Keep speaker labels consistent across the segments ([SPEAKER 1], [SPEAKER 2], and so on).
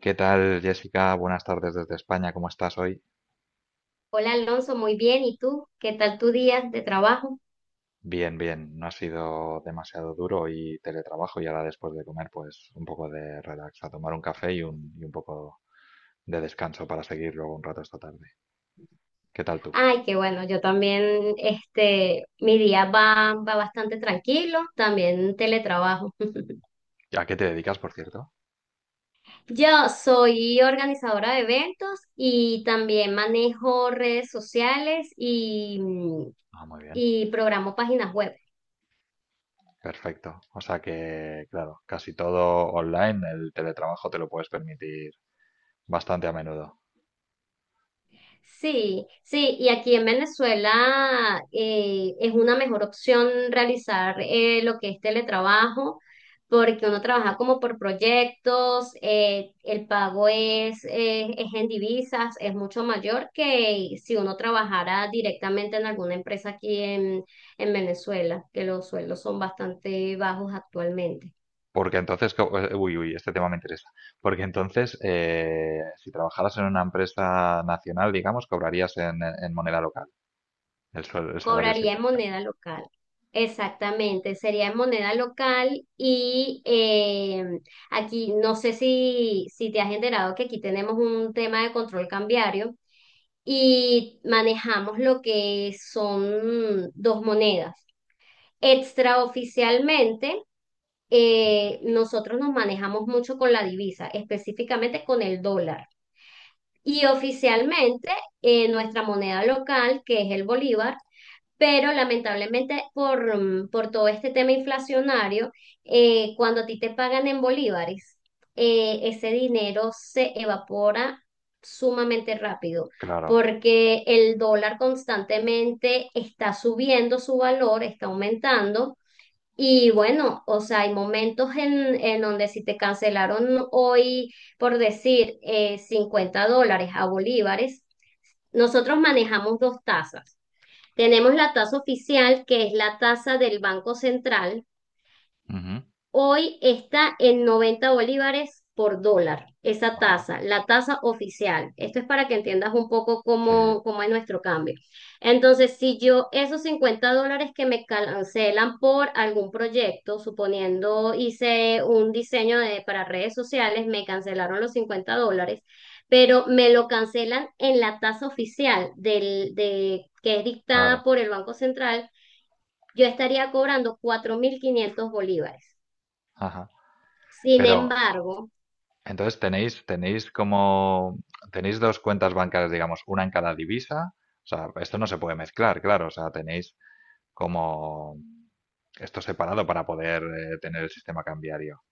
[SPEAKER 1] ¿Qué tal, Jessica? Buenas tardes desde España. ¿Cómo estás hoy?
[SPEAKER 2] Hola Alonso, muy bien. ¿Y tú? ¿Qué tal tu día de trabajo?
[SPEAKER 1] Bien, bien. No ha sido demasiado duro y teletrabajo y ahora después de comer, pues un poco de relax, a tomar un café y un poco de descanso para seguir luego un rato esta tarde. ¿Qué tal tú?
[SPEAKER 2] Ay, qué bueno, yo también, mi día va bastante tranquilo, también teletrabajo.
[SPEAKER 1] ¿A qué te dedicas, por cierto?
[SPEAKER 2] Yo soy organizadora de eventos y también manejo redes sociales y,
[SPEAKER 1] Ah, muy bien.
[SPEAKER 2] y programo páginas web.
[SPEAKER 1] Perfecto. O sea que, claro, casi todo online, el teletrabajo te lo puedes permitir bastante a menudo.
[SPEAKER 2] Sí, sí, y aquí en Venezuela es una mejor opción realizar lo que es teletrabajo, porque uno trabaja como por proyectos, el pago es en divisas, es mucho mayor que si uno trabajara directamente en alguna empresa aquí en Venezuela, que los sueldos son bastante bajos actualmente.
[SPEAKER 1] Uy, uy, este tema me interesa. Porque entonces, si trabajaras en una empresa nacional, digamos, cobrarías en moneda local. El salario
[SPEAKER 2] Cobraría
[SPEAKER 1] sería
[SPEAKER 2] en
[SPEAKER 1] local.
[SPEAKER 2] moneda local. Exactamente, sería en moneda local y aquí no sé si te has enterado que aquí tenemos un tema de control cambiario y manejamos lo que son dos monedas. Extraoficialmente, nosotros nos manejamos mucho con la divisa, específicamente con el dólar. Y oficialmente, nuestra moneda local, que es el bolívar, pero lamentablemente por todo este tema inflacionario, cuando a ti te pagan en bolívares, ese dinero se evapora sumamente rápido
[SPEAKER 1] Claro.
[SPEAKER 2] porque el dólar constantemente está subiendo su valor, está aumentando. Y bueno, o sea, hay momentos en donde si te cancelaron hoy, por decir, $50 a bolívares, nosotros manejamos dos tasas. Tenemos la tasa oficial, que es la tasa del Banco Central.
[SPEAKER 1] Ujú.
[SPEAKER 2] Hoy está en 90 bolívares por dólar, esa
[SPEAKER 1] Vale.
[SPEAKER 2] tasa, la tasa oficial. Esto es para que entiendas un poco
[SPEAKER 1] Sí,
[SPEAKER 2] cómo es nuestro cambio. Entonces, si yo esos $50 que me cancelan por algún proyecto, suponiendo hice un diseño para redes sociales, me cancelaron los $50 pero me lo cancelan en la tasa oficial que es dictada
[SPEAKER 1] claro.
[SPEAKER 2] por el Banco Central, yo estaría cobrando 4.500 bolívares.
[SPEAKER 1] Ajá.
[SPEAKER 2] Sin
[SPEAKER 1] Pero
[SPEAKER 2] embargo,
[SPEAKER 1] entonces tenéis como, tenéis dos cuentas bancarias, digamos, una en cada divisa. O sea, esto no se puede mezclar, claro. O sea, tenéis como esto separado para poder tener el sistema cambiario.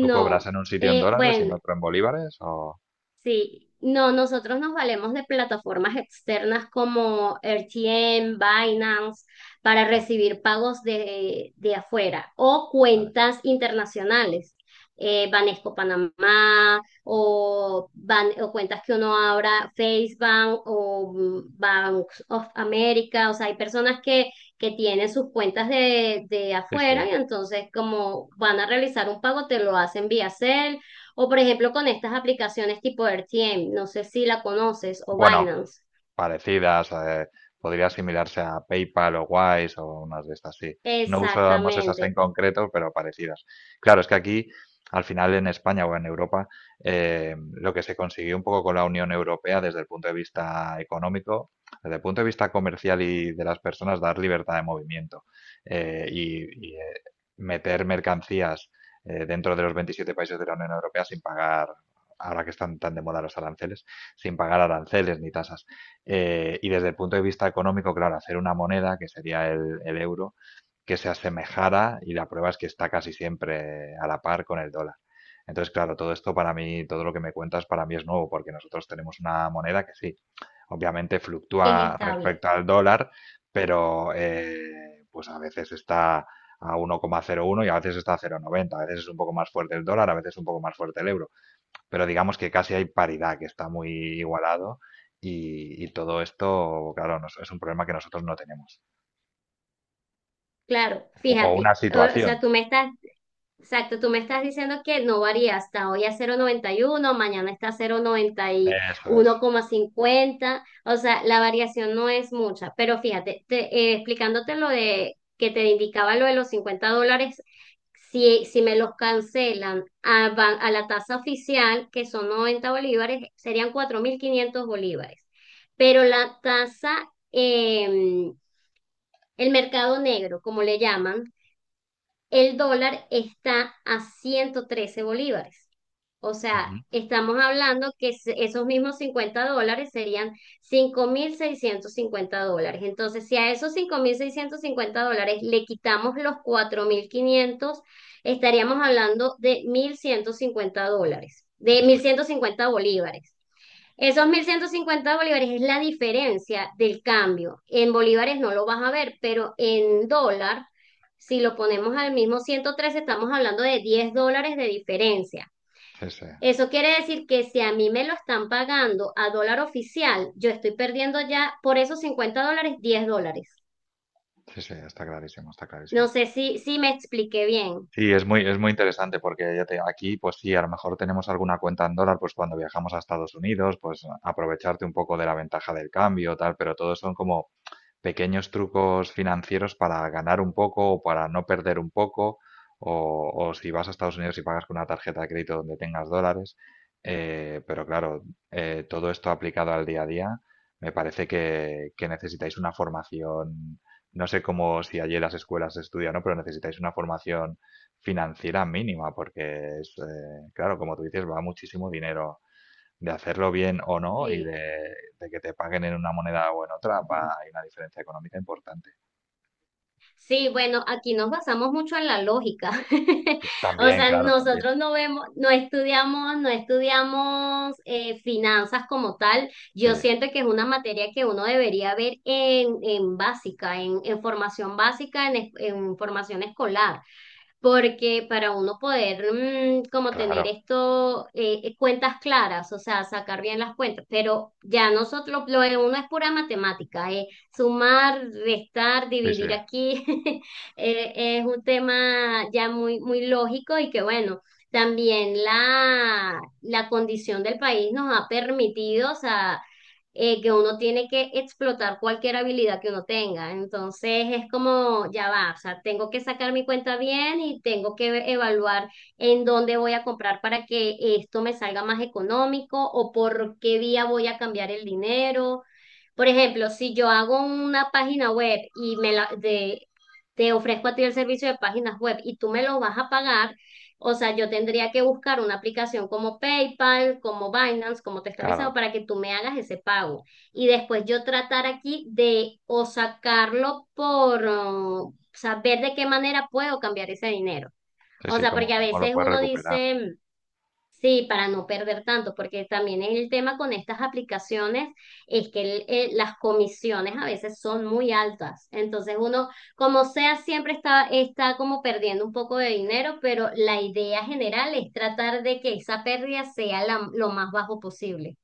[SPEAKER 1] ¿Tú cobras en un sitio en
[SPEAKER 2] eh,
[SPEAKER 1] dólares y en
[SPEAKER 2] bueno,
[SPEAKER 1] otro en bolívares? O...
[SPEAKER 2] sí, no, nosotros nos valemos de plataformas externas como RTM, Binance, para recibir pagos de afuera o
[SPEAKER 1] Vale.
[SPEAKER 2] cuentas internacionales, Banesco Panamá o cuentas que uno abra, FaceBank o Banks of America. O sea, hay personas que tienen sus cuentas de
[SPEAKER 1] Sí, sí.
[SPEAKER 2] afuera y entonces, como van a realizar un pago, te lo hacen vía Zelle o por ejemplo con estas aplicaciones tipo R T m, no sé si la conoces, o
[SPEAKER 1] Bueno,
[SPEAKER 2] Binance.
[SPEAKER 1] parecidas, podría asimilarse a PayPal o Wise o unas de estas, sí. No usamos esas en
[SPEAKER 2] Exactamente,
[SPEAKER 1] concreto, pero parecidas. Claro, es que aquí, al final en España o en Europa, lo que se consiguió un poco con la Unión Europea desde el punto de vista económico, desde el punto de vista comercial y de las personas, dar libertad de movimiento eh, y, y, eh, meter mercancías dentro de los 27 países de la Unión Europea sin pagar, ahora que están tan de moda los aranceles, sin pagar aranceles ni tasas. Y desde el punto de vista económico, claro, hacer una moneda, que sería el euro, que se asemejara, y la prueba es que está casi siempre a la par con el dólar. Entonces, claro, todo esto para mí, todo lo que me cuentas para mí es nuevo, porque nosotros tenemos una moneda que sí, obviamente
[SPEAKER 2] que es
[SPEAKER 1] fluctúa
[SPEAKER 2] estable.
[SPEAKER 1] respecto al dólar, pero pues a veces está a 1,01 y a veces está a 0,90, a veces es un poco más fuerte el dólar, a veces un poco más fuerte el euro. Pero digamos que casi hay paridad, que está muy igualado y todo esto, claro, nos- es un problema que nosotros no tenemos.
[SPEAKER 2] Claro,
[SPEAKER 1] O
[SPEAKER 2] fíjate.
[SPEAKER 1] una
[SPEAKER 2] O sea,
[SPEAKER 1] situación.
[SPEAKER 2] tú me estás Exacto, tú me estás diciendo que no varía, hasta hoy a 0,91, mañana está a cero coma noventa y
[SPEAKER 1] Eso es.
[SPEAKER 2] uno coma cincuenta. O sea, la variación no es mucha, pero fíjate, explicándote lo de que te indicaba lo de los $50, si me los cancelan a la tasa oficial, que son 90 bolívares, serían 4.500 bolívares, pero la tasa, em, el mercado negro, como le llaman, el dólar está a 113 bolívares. O sea,
[SPEAKER 1] Ujú,
[SPEAKER 2] estamos hablando que esos mismos $50 serían $5.650. Entonces, si a esos $5.650 le quitamos los 4.500, estaríamos hablando de $1.150, de mil
[SPEAKER 1] está-
[SPEAKER 2] ciento cincuenta bolívares. Esos 1.150 bolívares es la diferencia del cambio. En bolívares no lo vas a ver, pero en dólar, si lo ponemos al mismo 113, estamos hablando de $10 de diferencia.
[SPEAKER 1] sí, sí,
[SPEAKER 2] Eso quiere decir que si a mí me lo están pagando a dólar oficial, yo estoy perdiendo ya por esos $50 $10.
[SPEAKER 1] sí, sí, está clarísimo, está
[SPEAKER 2] No
[SPEAKER 1] clarísimo.
[SPEAKER 2] sé si me expliqué bien.
[SPEAKER 1] Sí, es muy interesante porque ya te, aquí, pues sí, a lo mejor tenemos alguna cuenta en dólar, pues cuando viajamos a Estados Unidos, pues aprovecharte un poco de la ventaja del cambio, tal, pero todo son como pequeños trucos financieros para ganar un poco o para no perder un poco, o si vas a Estados Unidos y pagas con una tarjeta de crédito donde tengas dólares. Pero claro, todo esto aplicado al día a día, me parece que necesitáis una formación, no sé cómo si allí en las escuelas se estudia, ¿no? Pero necesitáis una formación financiera mínima, porque es, claro, como tú dices, va muchísimo dinero de hacerlo bien o no y de que te paguen en una moneda o en otra, va, hay una diferencia económica importante.
[SPEAKER 2] Sí, bueno, aquí nos basamos mucho en la lógica. O
[SPEAKER 1] También,
[SPEAKER 2] sea,
[SPEAKER 1] claro, también.
[SPEAKER 2] nosotros no vemos, no estudiamos finanzas como tal.
[SPEAKER 1] Sí,
[SPEAKER 2] Yo siento que es una materia que uno debería ver en básica, en formación básica, en formación escolar, porque para uno poder como tener
[SPEAKER 1] claro.
[SPEAKER 2] esto, cuentas claras, o sea, sacar bien las cuentas, pero ya nosotros, lo de uno es pura matemática, sumar, restar,
[SPEAKER 1] Sí, sí,
[SPEAKER 2] dividir aquí, eh, es un tema ya muy, muy lógico y que bueno. También la condición del país nos ha permitido, o sea, que uno tiene que explotar cualquier habilidad que uno tenga. Entonces es como, ya va, o sea, tengo que sacar mi cuenta bien y tengo que evaluar en dónde voy a comprar para que esto me salga más económico, o por qué vía voy a cambiar el dinero. Por ejemplo, si yo hago una página web y te ofrezco a ti el servicio de páginas web y tú me lo vas a pagar, o sea, yo tendría que buscar una aplicación como PayPal, como Binance, como te estaba diciendo,
[SPEAKER 1] claro.
[SPEAKER 2] para que tú me hagas ese pago. Y después yo tratar aquí de o sacarlo por saber de qué manera puedo cambiar ese dinero.
[SPEAKER 1] Sí,
[SPEAKER 2] O
[SPEAKER 1] sí,
[SPEAKER 2] sea,
[SPEAKER 1] ¿cómo,
[SPEAKER 2] porque a
[SPEAKER 1] cómo lo
[SPEAKER 2] veces
[SPEAKER 1] puedes
[SPEAKER 2] uno
[SPEAKER 1] recuperar?
[SPEAKER 2] dice... Sí, para no perder tanto, porque también el tema con estas aplicaciones es que las comisiones a veces son muy altas. Entonces uno, como sea, siempre está como perdiendo un poco de dinero, pero la idea general es tratar de que esa pérdida sea lo más bajo posible.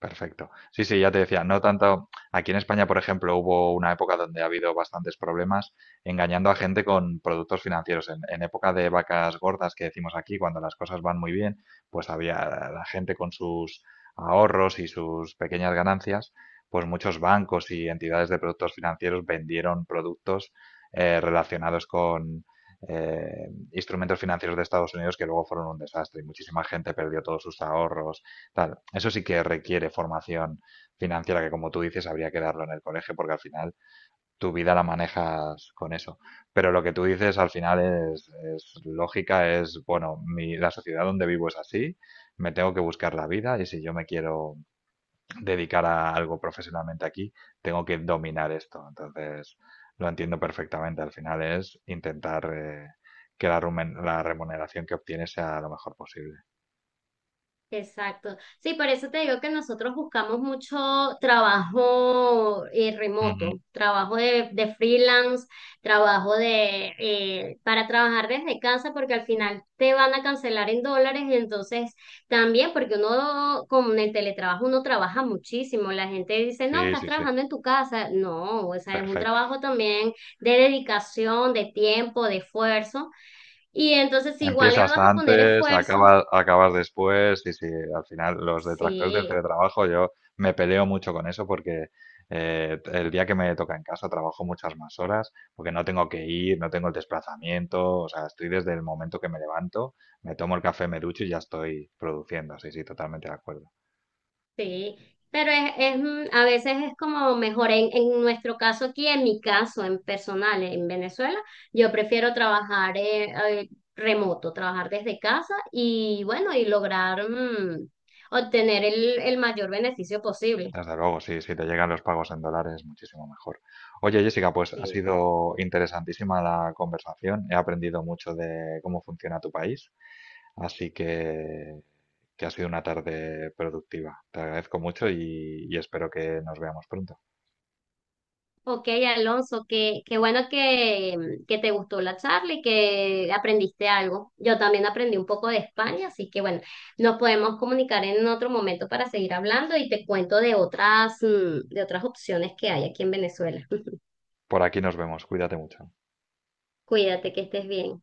[SPEAKER 1] Perfecto. Sí, sí, ya te decía, no tanto. Aquí en España, por ejemplo, hubo una época donde ha habido bastantes problemas engañando a gente con productos financieros. En época de vacas gordas que decimos aquí, cuando las cosas van muy bien, pues había la gente con sus ahorros y sus pequeñas ganancias, pues muchos bancos y entidades de productos financieros vendieron productos relacionados con instrumentos financieros de Estados Unidos que luego fueron un desastre y muchísima gente perdió todos sus ahorros. Claro, eso sí que requiere formación financiera que, como tú dices, habría que darlo en el colegio porque al final tu vida la manejas con eso. Pero lo que tú dices al final es, es lógica, es, bueno, mi, la sociedad donde vivo es así, me tengo que buscar la vida, y si yo me quiero dedicar a algo profesionalmente aquí, tengo que dominar esto. Entonces, lo entiendo perfectamente. Al final es intentar que la remuneración que obtienes sea lo mejor posible.
[SPEAKER 2] Exacto. Sí, por eso te digo que nosotros buscamos mucho trabajo
[SPEAKER 1] Ujú.
[SPEAKER 2] remoto, trabajo de freelance, trabajo de para trabajar desde casa, porque al final te van a cancelar en dólares, y entonces también, porque uno con el teletrabajo uno trabaja muchísimo. La gente dice, no,
[SPEAKER 1] Sí,
[SPEAKER 2] estás
[SPEAKER 1] sí, sí.
[SPEAKER 2] trabajando en tu casa. No, o sea, es un
[SPEAKER 1] Perfecto.
[SPEAKER 2] trabajo también de dedicación, de tiempo, de esfuerzo. Y entonces igual le
[SPEAKER 1] Empiezas
[SPEAKER 2] vas a poner
[SPEAKER 1] antes,
[SPEAKER 2] esfuerzo.
[SPEAKER 1] acabas después, y sí, al final los detractores del
[SPEAKER 2] Sí,
[SPEAKER 1] teletrabajo, yo me peleo mucho con eso porque el día que me toca en casa trabajo muchas más horas porque no tengo que ir, no tengo el desplazamiento, o sea, estoy desde el momento que me levanto, me tomo el café, me ducho y ya estoy produciendo, sí, sí, totalmente de acuerdo.
[SPEAKER 2] sí, pero a veces es como mejor en nuestro caso aquí, en mi caso, en personal, en Venezuela, yo prefiero trabajar eh, remoto, trabajar desde casa y bueno, y lograr obtener el mayor beneficio posible.
[SPEAKER 1] Desde luego, sí, si te llegan los pagos en dólares, muchísimo mejor. Oye, Jessica, pues ha
[SPEAKER 2] Sí.
[SPEAKER 1] sido interesantísima la conversación. He aprendido mucho de cómo funciona tu país, así que ha sido una tarde productiva. Te agradezco mucho y espero que nos veamos pronto.
[SPEAKER 2] Ok, Alonso, qué bueno que te gustó la charla y que aprendiste algo. Yo también aprendí un poco de España, así que bueno, nos podemos comunicar en otro momento para seguir hablando y te cuento de otras opciones que hay aquí en Venezuela.
[SPEAKER 1] Por aquí nos vemos. Cuídate mucho.
[SPEAKER 2] Cuídate, que estés bien.